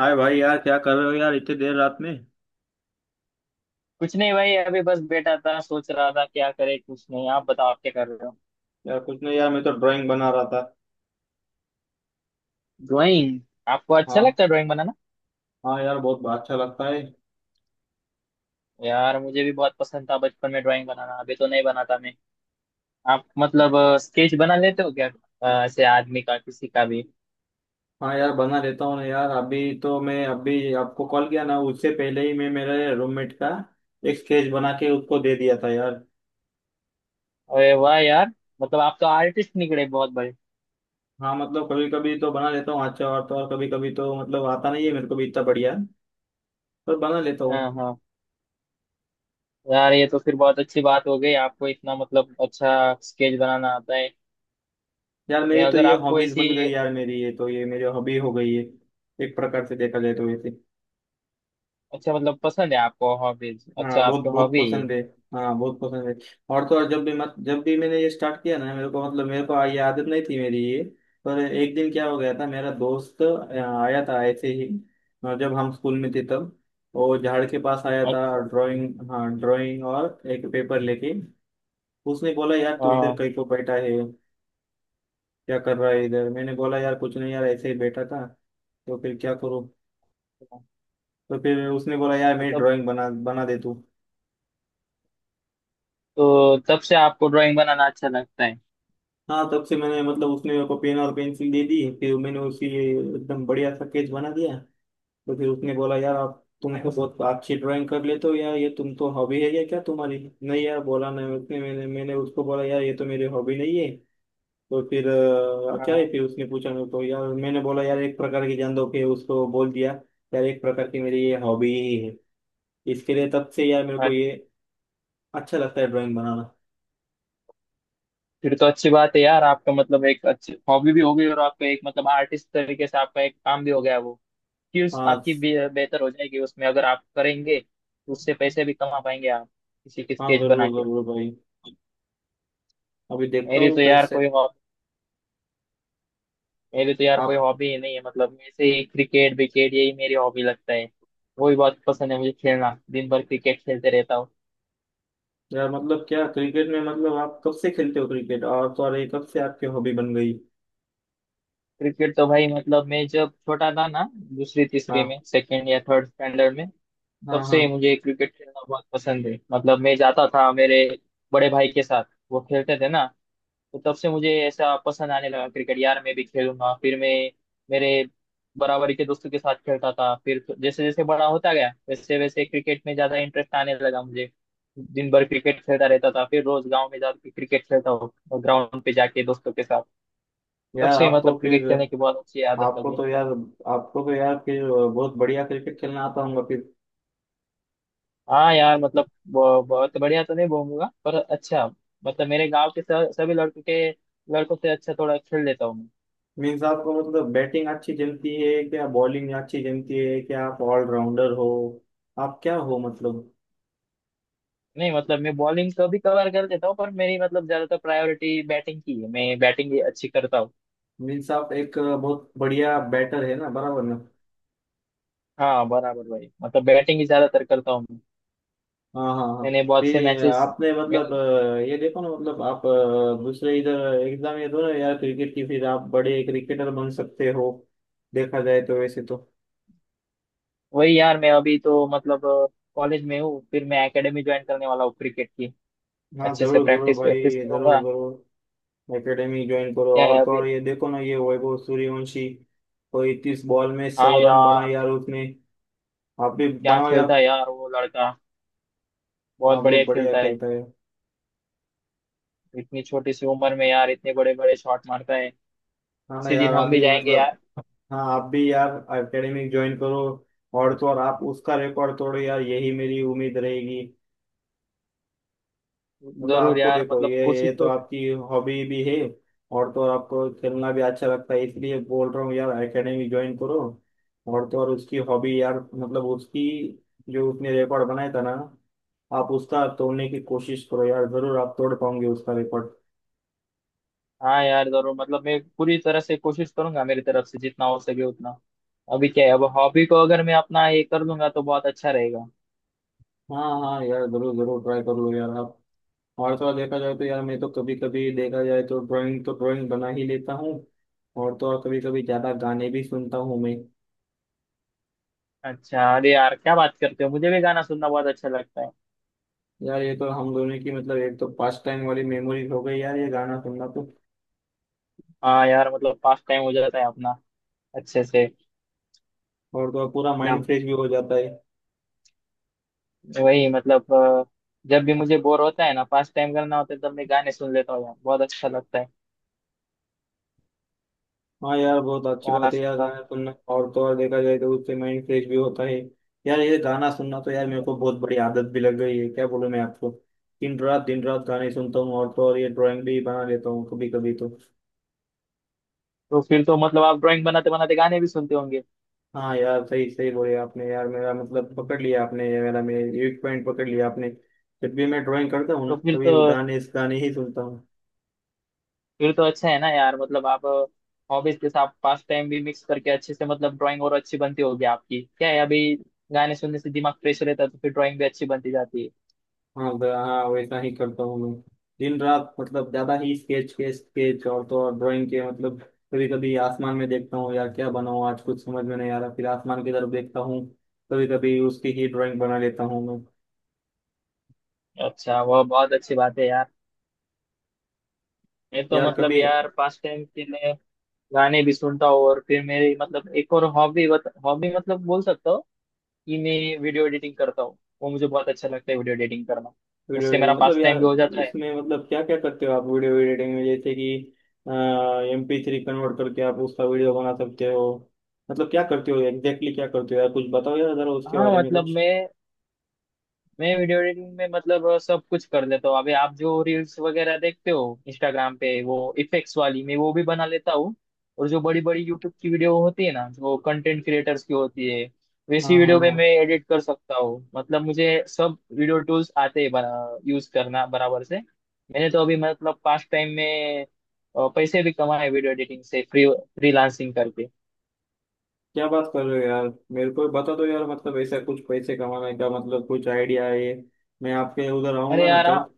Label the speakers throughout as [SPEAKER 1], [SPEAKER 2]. [SPEAKER 1] हाय भाई, यार क्या कर रहे हो यार इतनी देर रात में।
[SPEAKER 2] कुछ नहीं भाई, अभी बस बैठा था, सोच रहा था क्या करे। कुछ नहीं, आप बताओ, आप क्या कर रहे हो।
[SPEAKER 1] यार कुछ नहीं यार, मैं तो ड्राइंग बना रहा था।
[SPEAKER 2] ड्राइंग? आपको अच्छा
[SPEAKER 1] हाँ।
[SPEAKER 2] लगता है ड्राइंग बनाना?
[SPEAKER 1] हाँ यार, बहुत अच्छा लगता है।
[SPEAKER 2] यार मुझे भी बहुत पसंद था बचपन में ड्राइंग बनाना, अभी तो नहीं बनाता मैं। आप मतलब स्केच बना लेते हो क्या? ऐसे आदमी का, किसी का भी।
[SPEAKER 1] हाँ यार, बना लेता हूँ ना यार। अभी तो मैं, अभी आपको कॉल किया ना, उससे पहले ही मैं मेरे रूममेट का एक स्केच बना के उसको दे दिया था यार।
[SPEAKER 2] अरे वाह यार! मतलब आप तो आर्टिस्ट निकले बहुत बड़े।
[SPEAKER 1] हाँ मतलब कभी कभी तो बना लेता हूँ अच्छा। और तो और कभी कभी तो मतलब आता नहीं है मेरे को भी इतना बढ़िया, पर बना लेता हूँ।
[SPEAKER 2] हाँ हाँ। यार ये तो फिर बहुत अच्छी बात हो गई, आपको इतना मतलब अच्छा स्केच बनाना आता है।
[SPEAKER 1] यार
[SPEAKER 2] ये
[SPEAKER 1] मेरी तो
[SPEAKER 2] अगर
[SPEAKER 1] ये
[SPEAKER 2] आपको
[SPEAKER 1] हॉबीज
[SPEAKER 2] ऐसी।
[SPEAKER 1] बन गई, यार मेरी ये तो ये मेरी हॉबी हो गई है एक प्रकार से देखा जाए तो वैसे।
[SPEAKER 2] अच्छा मतलब पसंद है आपको हॉबीज,
[SPEAKER 1] हाँ
[SPEAKER 2] अच्छा
[SPEAKER 1] बहुत
[SPEAKER 2] आपकी
[SPEAKER 1] बहुत
[SPEAKER 2] हॉबी है।
[SPEAKER 1] पसंद है। हाँ बहुत पसंद है। और तो और जब भी मत जब भी मैंने ये स्टार्ट किया ना, मेरे को मतलब मेरे को ये आदत नहीं थी मेरी ये। पर एक दिन क्या हो गया था, मेरा दोस्त आया था ऐसे ही। जब हम स्कूल में थे तब वो झाड़ के पास आया था,
[SPEAKER 2] अच्छा।
[SPEAKER 1] ड्राइंग, हाँ ड्राइंग, और एक पेपर लेके उसने बोला यार तू इधर
[SPEAKER 2] हाँ
[SPEAKER 1] कहीं को बैठा है, क्या कर रहा है इधर। मैंने बोला यार कुछ नहीं यार, ऐसे ही बैठा था, तो फिर क्या करूँ। तो फिर उसने बोला यार
[SPEAKER 2] तो
[SPEAKER 1] मेरी
[SPEAKER 2] तब,
[SPEAKER 1] ड्राइंग बना बना दे तू।
[SPEAKER 2] तो तब से आपको ड्राइंग बनाना अच्छा लगता है।
[SPEAKER 1] हाँ, तब से मैंने, मतलब उसने मेरे को पेन और पेंसिल दे दी, फिर मैंने उसी एकदम बढ़िया सा स्केच बना दिया। तो फिर उसने बोला यार, आप तुम तो बहुत अच्छी ड्राइंग कर लेते हो यार, ये तुम तो हॉबी है या क्या तुम्हारी। नहीं यार, बोला नहीं उसने। मैंने मैंने उसको बोला यार, ये तो मेरी हॉबी नहीं है। तो फिर क्या है,
[SPEAKER 2] हाँ।
[SPEAKER 1] फिर उसने पूछा मेरे को। यार मैंने बोला यार, एक प्रकार की जान दो कि उसको बोल दिया, यार एक प्रकार की मेरी ये हॉबी ही है इसके लिए। तब से यार मेरे को
[SPEAKER 2] हाँ।
[SPEAKER 1] ये अच्छा लगता है ड्राइंग बनाना।
[SPEAKER 2] फिर तो अच्छी बात है यार, आपका मतलब एक अच्छी हॉबी भी हो गई और आपका एक मतलब आर्टिस्ट तरीके से आपका एक काम भी हो गया वो। स्किल्स
[SPEAKER 1] हाँ।
[SPEAKER 2] आपकी बेहतर हो जाएगी, उसमें अगर आप करेंगे तो उससे पैसे भी कमा पाएंगे आप, किसी की
[SPEAKER 1] हाँ
[SPEAKER 2] स्केच बना
[SPEAKER 1] जरूर
[SPEAKER 2] के।
[SPEAKER 1] जरूर भाई। अभी देखता
[SPEAKER 2] मेरी
[SPEAKER 1] हूँ
[SPEAKER 2] तो यार
[SPEAKER 1] कैसे।
[SPEAKER 2] कोई हॉबी, मेरी तो यार कोई
[SPEAKER 1] आप,
[SPEAKER 2] हॉबी ही नहीं है। मतलब मैं से ही क्रिकेट विकेट, यही मेरी हॉबी लगता है। वो भी बहुत पसंद है मुझे खेलना, दिन भर क्रिकेट खेलते रहता हूँ।
[SPEAKER 1] या मतलब क्या, क्रिकेट में मतलब आप कब से खेलते हो क्रिकेट, और तो और ये कब से आपकी हॉबी बन गई।
[SPEAKER 2] क्रिकेट तो भाई मतलब मैं जब छोटा था ना, दूसरी तीसरी
[SPEAKER 1] हाँ
[SPEAKER 2] में, सेकेंड या थर्ड स्टैंडर्ड में, तब
[SPEAKER 1] हाँ हाँ।
[SPEAKER 2] से ही मुझे क्रिकेट खेलना बहुत पसंद है। मतलब मैं जाता था मेरे बड़े भाई के साथ, वो खेलते थे ना। तो तब से मुझे ऐसा पसंद आने लगा क्रिकेट, यार मैं भी खेलूंगा। फिर मैं मेरे बराबरी के दोस्तों के साथ खेलता था, फिर तो जैसे जैसे बड़ा होता गया वैसे वैसे क्रिकेट में ज्यादा इंटरेस्ट आने लगा मुझे। दिन भर क्रिकेट खेलता रहता था, फिर रोज गांव में जाकर क्रिकेट खेलता हूँ ग्राउंड पे जाके दोस्तों के साथ। तब
[SPEAKER 1] यार
[SPEAKER 2] से
[SPEAKER 1] आप
[SPEAKER 2] मतलब
[SPEAKER 1] तो
[SPEAKER 2] क्रिकेट
[SPEAKER 1] फिर
[SPEAKER 2] खेलने की बहुत अच्छी आदत
[SPEAKER 1] आपको
[SPEAKER 2] लगी है।
[SPEAKER 1] तो यार, आपको तो यार फिर बहुत बढ़िया क्रिकेट खेलना आता होगा फिर।
[SPEAKER 2] हाँ यार मतलब वो बहुत बढ़िया तो नहीं घूमूंगा, पर अच्छा, मतलब मेरे गांव के सभी लड़कों के, लड़कों से अच्छा थोड़ा खेल लेता हूँ मैं।
[SPEAKER 1] मीन्स आपको मतलब बैटिंग अच्छी जमती है क्या, बॉलिंग अच्छी जमती है क्या, आप ऑलराउंडर हो, आप क्या हो मतलब।
[SPEAKER 2] नहीं मतलब मैं बॉलिंग तो भी कवर कर लेता हूँ, पर मेरी मतलब ज्यादातर प्रायोरिटी बैटिंग की है, मैं बैटिंग ही अच्छी करता हूँ।
[SPEAKER 1] मीन्स आप एक बहुत बढ़िया बैटर है ना, बराबर ना।
[SPEAKER 2] हाँ बराबर भाई, मतलब बैटिंग ही ज्यादातर करता हूँ मैं।
[SPEAKER 1] हाँ हाँ हाँ।
[SPEAKER 2] मैंने बहुत से
[SPEAKER 1] फिर
[SPEAKER 2] मैचेस।
[SPEAKER 1] आपने
[SPEAKER 2] मैं
[SPEAKER 1] मतलब ये देखो ना, मतलब आप दूसरे इधर एग्जाम ये दो ना यार, क्रिकेट की, फिर आप बड़े क्रिकेटर बन सकते हो, देखा जाए तो वैसे तो।
[SPEAKER 2] वही यार, मैं अभी तो मतलब कॉलेज में हूँ, फिर मैं एकेडमी ज्वाइन करने वाला हूँ क्रिकेट की।
[SPEAKER 1] हाँ
[SPEAKER 2] अच्छे से
[SPEAKER 1] जरूर जरूर
[SPEAKER 2] प्रैक्टिस
[SPEAKER 1] भाई।
[SPEAKER 2] प्रैक्टिस
[SPEAKER 1] जरूर
[SPEAKER 2] करूंगा।
[SPEAKER 1] जरूर एकेडमी ज्वाइन करो।
[SPEAKER 2] क्या है
[SPEAKER 1] और तो
[SPEAKER 2] अभी?
[SPEAKER 1] और ये देखो ना, ये वैभव सूर्यवंशी कोई 21 बॉल में
[SPEAKER 2] हाँ
[SPEAKER 1] 100 रन बनाए
[SPEAKER 2] यार।
[SPEAKER 1] यार उसने। आप भी
[SPEAKER 2] क्या
[SPEAKER 1] बनाओ यार।
[SPEAKER 2] खेलता है यार वो लड़का, बहुत
[SPEAKER 1] हाँ बहुत
[SPEAKER 2] बढ़िया
[SPEAKER 1] बढ़िया
[SPEAKER 2] खेलता है।
[SPEAKER 1] खेलता है।
[SPEAKER 2] इतनी छोटी सी उम्र में यार इतने बड़े बड़े शॉट मारता है।
[SPEAKER 1] हाँ ना
[SPEAKER 2] किसी
[SPEAKER 1] यार
[SPEAKER 2] दिन
[SPEAKER 1] आप
[SPEAKER 2] हम भी
[SPEAKER 1] भी
[SPEAKER 2] जाएंगे
[SPEAKER 1] मतलब।
[SPEAKER 2] यार।
[SPEAKER 1] हाँ आप भी यार एकेडमी ज्वाइन करो। और तो और आप उसका रिकॉर्ड तोड़ो यार, यही मेरी उम्मीद रहेगी। मतलब
[SPEAKER 2] जरूर
[SPEAKER 1] आपको
[SPEAKER 2] यार,
[SPEAKER 1] देखो,
[SPEAKER 2] मतलब कोशिश
[SPEAKER 1] ये तो
[SPEAKER 2] तो।
[SPEAKER 1] आपकी हॉबी भी है, और तो आपको खेलना भी अच्छा लगता है, इसलिए बोल रहा हूँ यार, एकेडमी ज्वाइन करो। और तो और उसकी हॉबी यार, मतलब उसकी जो उसने रिकॉर्ड बनाया था ना, आप उसका तोड़ने की कोशिश करो यार, जरूर आप तोड़ पाओगे उसका रिकॉर्ड।
[SPEAKER 2] हाँ यार जरूर, मतलब मैं पूरी तरह से कोशिश करूंगा मेरी तरफ से जितना हो सके उतना। अभी क्या है, अब हॉबी को अगर मैं अपना ये कर लूंगा तो बहुत अच्छा रहेगा।
[SPEAKER 1] हाँ हाँ यार जरूर जरूर ट्राई कर लो यार आप। और तो और देखा जाए तो यार, मैं तो कभी कभी देखा जाए तो ड्राइंग बना ही लेता हूँ। और तो और कभी कभी ज्यादा गाने भी सुनता हूँ मैं।
[SPEAKER 2] अच्छा अरे यार क्या बात करते हो, मुझे भी गाना सुनना बहुत अच्छा लगता है।
[SPEAKER 1] यार ये तो हम दोनों की मतलब एक तो पास्ट टाइम वाली मेमोरीज हो गई यार, ये गाना सुनना तो।
[SPEAKER 2] हाँ यार, मतलब पास टाइम हो जाता है अपना अच्छे से।
[SPEAKER 1] और तो और पूरा माइंड
[SPEAKER 2] मतलब
[SPEAKER 1] फ्रेश भी हो जाता है।
[SPEAKER 2] वही मतलब जब भी मुझे बोर होता है ना, पास टाइम करना होता है, तब मैं गाने सुन लेता हूँ यार, बहुत अच्छा लगता है
[SPEAKER 1] हाँ यार बहुत अच्छी
[SPEAKER 2] गाना
[SPEAKER 1] बात है यार
[SPEAKER 2] सुनना।
[SPEAKER 1] गाना सुनना, और तो और देखा जाए तो उससे माइंड फ्रेश भी होता है। यार ये गाना सुनना तो यार मेरे को बहुत बड़ी आदत भी लग गई है, क्या बोलूं मैं आपको। दिन रात गाने सुनता हूँ, और तो और ये ड्राइंग भी बना लेता हूँ कभी कभी तो।
[SPEAKER 2] तो फिर तो मतलब आप ड्राइंग बनाते बनाते गाने भी सुनते होंगे।
[SPEAKER 1] हाँ यार सही सही बोले आपने यार, मेरा मतलब पकड़ लिया आपने, ये मेरा मेरे एक पॉइंट पकड़ लिया आपने। जब भी मैं ड्राइंग करता हूँ ना,
[SPEAKER 2] तो फिर
[SPEAKER 1] कभी
[SPEAKER 2] तो,
[SPEAKER 1] गाने, इस गाने ही सुनता हूँ।
[SPEAKER 2] फिर तो अच्छा है ना यार, मतलब आप हॉबीज के साथ पास टाइम भी मिक्स करके अच्छे से, मतलब ड्राइंग और अच्छी बनती होगी आपकी। क्या है अभी, गाने सुनने से दिमाग फ्रेश रहता है तो फिर ड्राइंग भी अच्छी बनती जाती
[SPEAKER 1] हाँ हाँ वैसा ही करता हूँ मैं। दिन रात मतलब ज्यादा ही स्केच के स्केच, और तो और ड्राइंग के मतलब कभी कभी आसमान में देखता हूँ यार, क्या बनाऊँ आज कुछ समझ में नहीं आ रहा, फिर आसमान की तरफ देखता हूँ, कभी कभी उसकी ही ड्राइंग बना लेता हूँ मैं।
[SPEAKER 2] है। अच्छा वह बहुत अच्छी बात है यार। मैं तो
[SPEAKER 1] यार
[SPEAKER 2] मतलब
[SPEAKER 1] कभी
[SPEAKER 2] यार पास टाइम के लिए गाने भी सुनता हूँ, और फिर मेरी मतलब एक और हॉबी हॉबी मतलब बोल सकता हूँ कि मैं वीडियो एडिटिंग करता हूँ, वो मुझे बहुत अच्छा लगता है वीडियो एडिटिंग करना।
[SPEAKER 1] वीडियो
[SPEAKER 2] उससे
[SPEAKER 1] एडिटिंग
[SPEAKER 2] मेरा
[SPEAKER 1] मतलब
[SPEAKER 2] पास
[SPEAKER 1] यार,
[SPEAKER 2] टाइम भी हो जाता है।
[SPEAKER 1] उसमें मतलब क्या क्या करते हो आप वीडियो एडिटिंग में, जैसे कि MP3 कन्वर्ट करके आप उसका वीडियो बना सकते हो, मतलब क्या करते हो एग्जैक्टली क्या करते हो यार, कुछ बताओ यार जरा उसके
[SPEAKER 2] हाँ
[SPEAKER 1] बारे में
[SPEAKER 2] मतलब
[SPEAKER 1] कुछ।
[SPEAKER 2] मैं वीडियो एडिटिंग में मतलब सब कुछ कर लेता हूँ। अभी आप जो रील्स वगैरह देखते हो इंस्टाग्राम पे, वो इफेक्ट्स वाली मैं वो भी बना लेता हूँ। और जो बड़ी बड़ी यूट्यूब की वीडियो होती है ना, जो कंटेंट क्रिएटर्स की होती है,
[SPEAKER 1] हाँ
[SPEAKER 2] वैसी
[SPEAKER 1] हाँ
[SPEAKER 2] वीडियो पे
[SPEAKER 1] हाँ।
[SPEAKER 2] मैं एडिट कर सकता हूँ। मतलब मुझे सब वीडियो टूल्स आते हैं, यूज करना बराबर से। मैंने तो अभी मतलब पास्ट टाइम में पैसे भी कमाए वीडियो एडिटिंग से, फ्रीलांसिंग करके।
[SPEAKER 1] क्या बात कर रहे हो यार। मेरे को बता दो यार, मतलब ऐसा कुछ पैसे कमाने का मतलब कुछ आइडिया है ये, मैं आपके उधर
[SPEAKER 2] अरे
[SPEAKER 1] आऊंगा ना
[SPEAKER 2] यार
[SPEAKER 1] तब,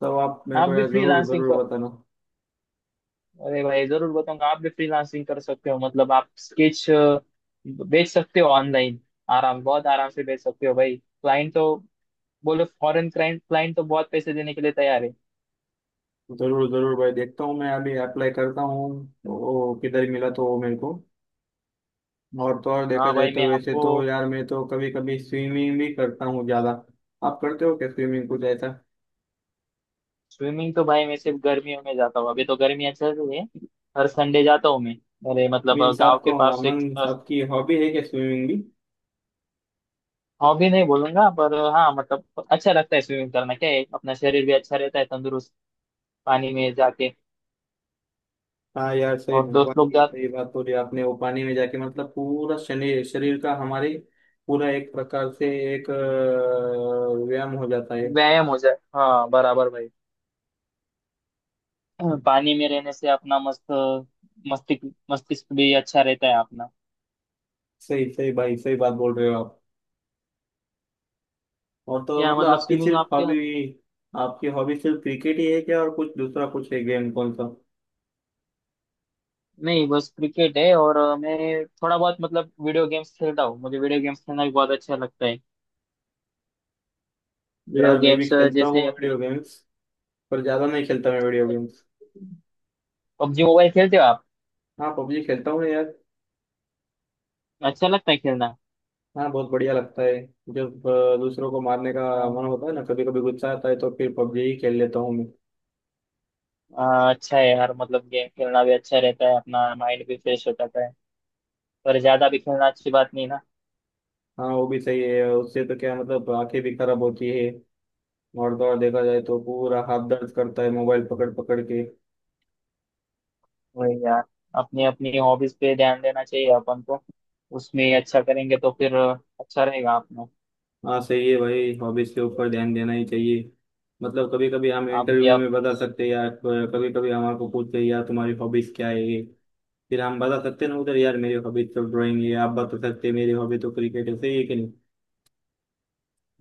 [SPEAKER 1] तब आप मेरे
[SPEAKER 2] आप
[SPEAKER 1] को
[SPEAKER 2] भी
[SPEAKER 1] यार जरूर
[SPEAKER 2] फ्रीलांसिंग,
[SPEAKER 1] जरूर बताना।
[SPEAKER 2] अरे भाई जरूर बताऊंगा, आप भी फ्रीलांसिंग कर सकते हो। मतलब आप स्केच बेच सकते हो ऑनलाइन, आराम, बहुत आराम से बेच सकते हो भाई। क्लाइंट तो, बोलो फॉरेन क्लाइंट, क्लाइंट तो बहुत पैसे देने के लिए तैयार है।
[SPEAKER 1] जरूर जरूर भाई देखता हूँ मैं, अभी अप्लाई करता हूँ, वो किधर मिला तो वो मेरे को। और तो और देखा
[SPEAKER 2] हाँ
[SPEAKER 1] जाए
[SPEAKER 2] भाई,
[SPEAKER 1] तो
[SPEAKER 2] मैं
[SPEAKER 1] वैसे
[SPEAKER 2] आपको।
[SPEAKER 1] तो यार, मैं तो कभी कभी स्विमिंग भी करता हूँ ज्यादा। आप करते हो क्या स्विमिंग कुछ ऐसा।
[SPEAKER 2] स्विमिंग तो भाई मैं सिर्फ गर्मियों में जाता हूँ, अभी तो गर्मियाँ चल रही है। हर संडे जाता हूँ मैं, मेरे मतलब
[SPEAKER 1] मीन्स
[SPEAKER 2] गांव के
[SPEAKER 1] आपको,
[SPEAKER 2] पास एक।
[SPEAKER 1] मीन्स आपकी हॉबी है क्या स्विमिंग।
[SPEAKER 2] हॉबी नहीं बोलूंगा, पर हाँ मतलब अच्छा लगता है स्विमिंग करना। क्या है, अपना शरीर भी अच्छा रहता है तंदुरुस्त, पानी में जाके,
[SPEAKER 1] हाँ यार सही,
[SPEAKER 2] और
[SPEAKER 1] भगवान
[SPEAKER 2] दोस्त लोग
[SPEAKER 1] की
[SPEAKER 2] जाते।
[SPEAKER 1] सही बात बोली आपने, वो पानी में जाके मतलब पूरा शरीर, शरीर का हमारे पूरा एक प्रकार से एक व्यायाम हो जाता है।
[SPEAKER 2] व्यायाम हो जाए, हाँ बराबर भाई। पानी में रहने से अपना मस्तिष्क, मस्तिष्क भी अच्छा रहता है अपना।
[SPEAKER 1] सही सही भाई सही बात बोल रहे हो आप। और तो
[SPEAKER 2] क्या
[SPEAKER 1] मतलब
[SPEAKER 2] मतलब,
[SPEAKER 1] आपकी
[SPEAKER 2] स्विमिंग
[SPEAKER 1] सिर्फ
[SPEAKER 2] आपके।
[SPEAKER 1] हॉबी, आपकी हॉबी सिर्फ क्रिकेट ही है क्या, और कुछ दूसरा कुछ है गेम कौन सा।
[SPEAKER 2] नहीं बस क्रिकेट है, और मैं थोड़ा बहुत मतलब वीडियो गेम्स खेलता हूँ, मुझे वीडियो गेम्स खेलना भी बहुत अच्छा लगता है वीडियो
[SPEAKER 1] यार मैं भी
[SPEAKER 2] गेम्स।
[SPEAKER 1] खेलता हूँ
[SPEAKER 2] जैसे अपने
[SPEAKER 1] वीडियो गेम्स, पर ज्यादा नहीं खेलता मैं वीडियो गेम्स।
[SPEAKER 2] पबजी मोबाइल खेलते हो आप?
[SPEAKER 1] हाँ पबजी खेलता हूँ यार।
[SPEAKER 2] अच्छा लगता है खेलना?
[SPEAKER 1] हाँ बहुत बढ़िया लगता है। जब दूसरों को मारने का
[SPEAKER 2] अ,
[SPEAKER 1] मन होता है ना, कभी कभी गुस्सा आता है, तो फिर पबजी ही खेल लेता हूँ मैं।
[SPEAKER 2] अच्छा है यार, मतलब गेम खेलना भी अच्छा रहता है, अपना माइंड भी फ्रेश हो जाता है, पर ज्यादा भी खेलना अच्छी बात नहीं
[SPEAKER 1] हाँ वो भी सही है, उससे तो क्या मतलब आंखें भी खराब होती है, और तो और देखा जाए तो
[SPEAKER 2] ना।
[SPEAKER 1] पूरा हाथ दर्द करता है मोबाइल पकड़ पकड़ के।
[SPEAKER 2] वही यार, अपनी अपनी हॉबीज पे ध्यान देना चाहिए अपन को, उसमें अच्छा करेंगे तो फिर अच्छा रहेगा अपना।
[SPEAKER 1] हाँ सही है भाई, हॉबीज के ऊपर ध्यान देना ही चाहिए। मतलब कभी कभी हम इंटरव्यू
[SPEAKER 2] आप।
[SPEAKER 1] में बता सकते हैं यार, कभी कभी हमारे को पूछते हैं यार तुम्हारी हॉबीज क्या है ये, फिर हम बता सकते हैं ना उधर यार, मेरी हॉबीज तो ड्राइंग है, आप बता सकते हैं मेरी हॉबी तो क्रिकेट है, सही है कि नहीं।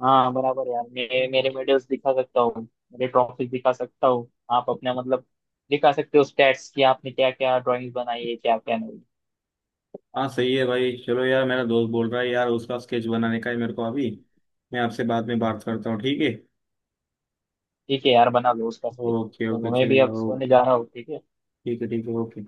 [SPEAKER 2] हाँ बराबर यार, मैं मेरे मेडल्स दिखा सकता हूँ, मेरे ट्रॉफी दिखा सकता हूँ। आप अपना मतलब दिखा सकते हो स्टैट्स कि आपने क्या क्या ड्राइंग्स बनाई है, क्या क्या नहीं।
[SPEAKER 1] हाँ सही है भाई चलो, यार मेरा दोस्त बोल रहा है यार उसका स्केच बनाने का है मेरे को अभी, मैं आपसे बाद में बात करता हूँ ठीक है।
[SPEAKER 2] ठीक है यार, बना लो उसका स्केच,
[SPEAKER 1] ओके
[SPEAKER 2] तो
[SPEAKER 1] ओके
[SPEAKER 2] मैं भी
[SPEAKER 1] चलेगा
[SPEAKER 2] अब सोने
[SPEAKER 1] ओके।
[SPEAKER 2] जा रहा हूँ। ठीक है।
[SPEAKER 1] You could even open.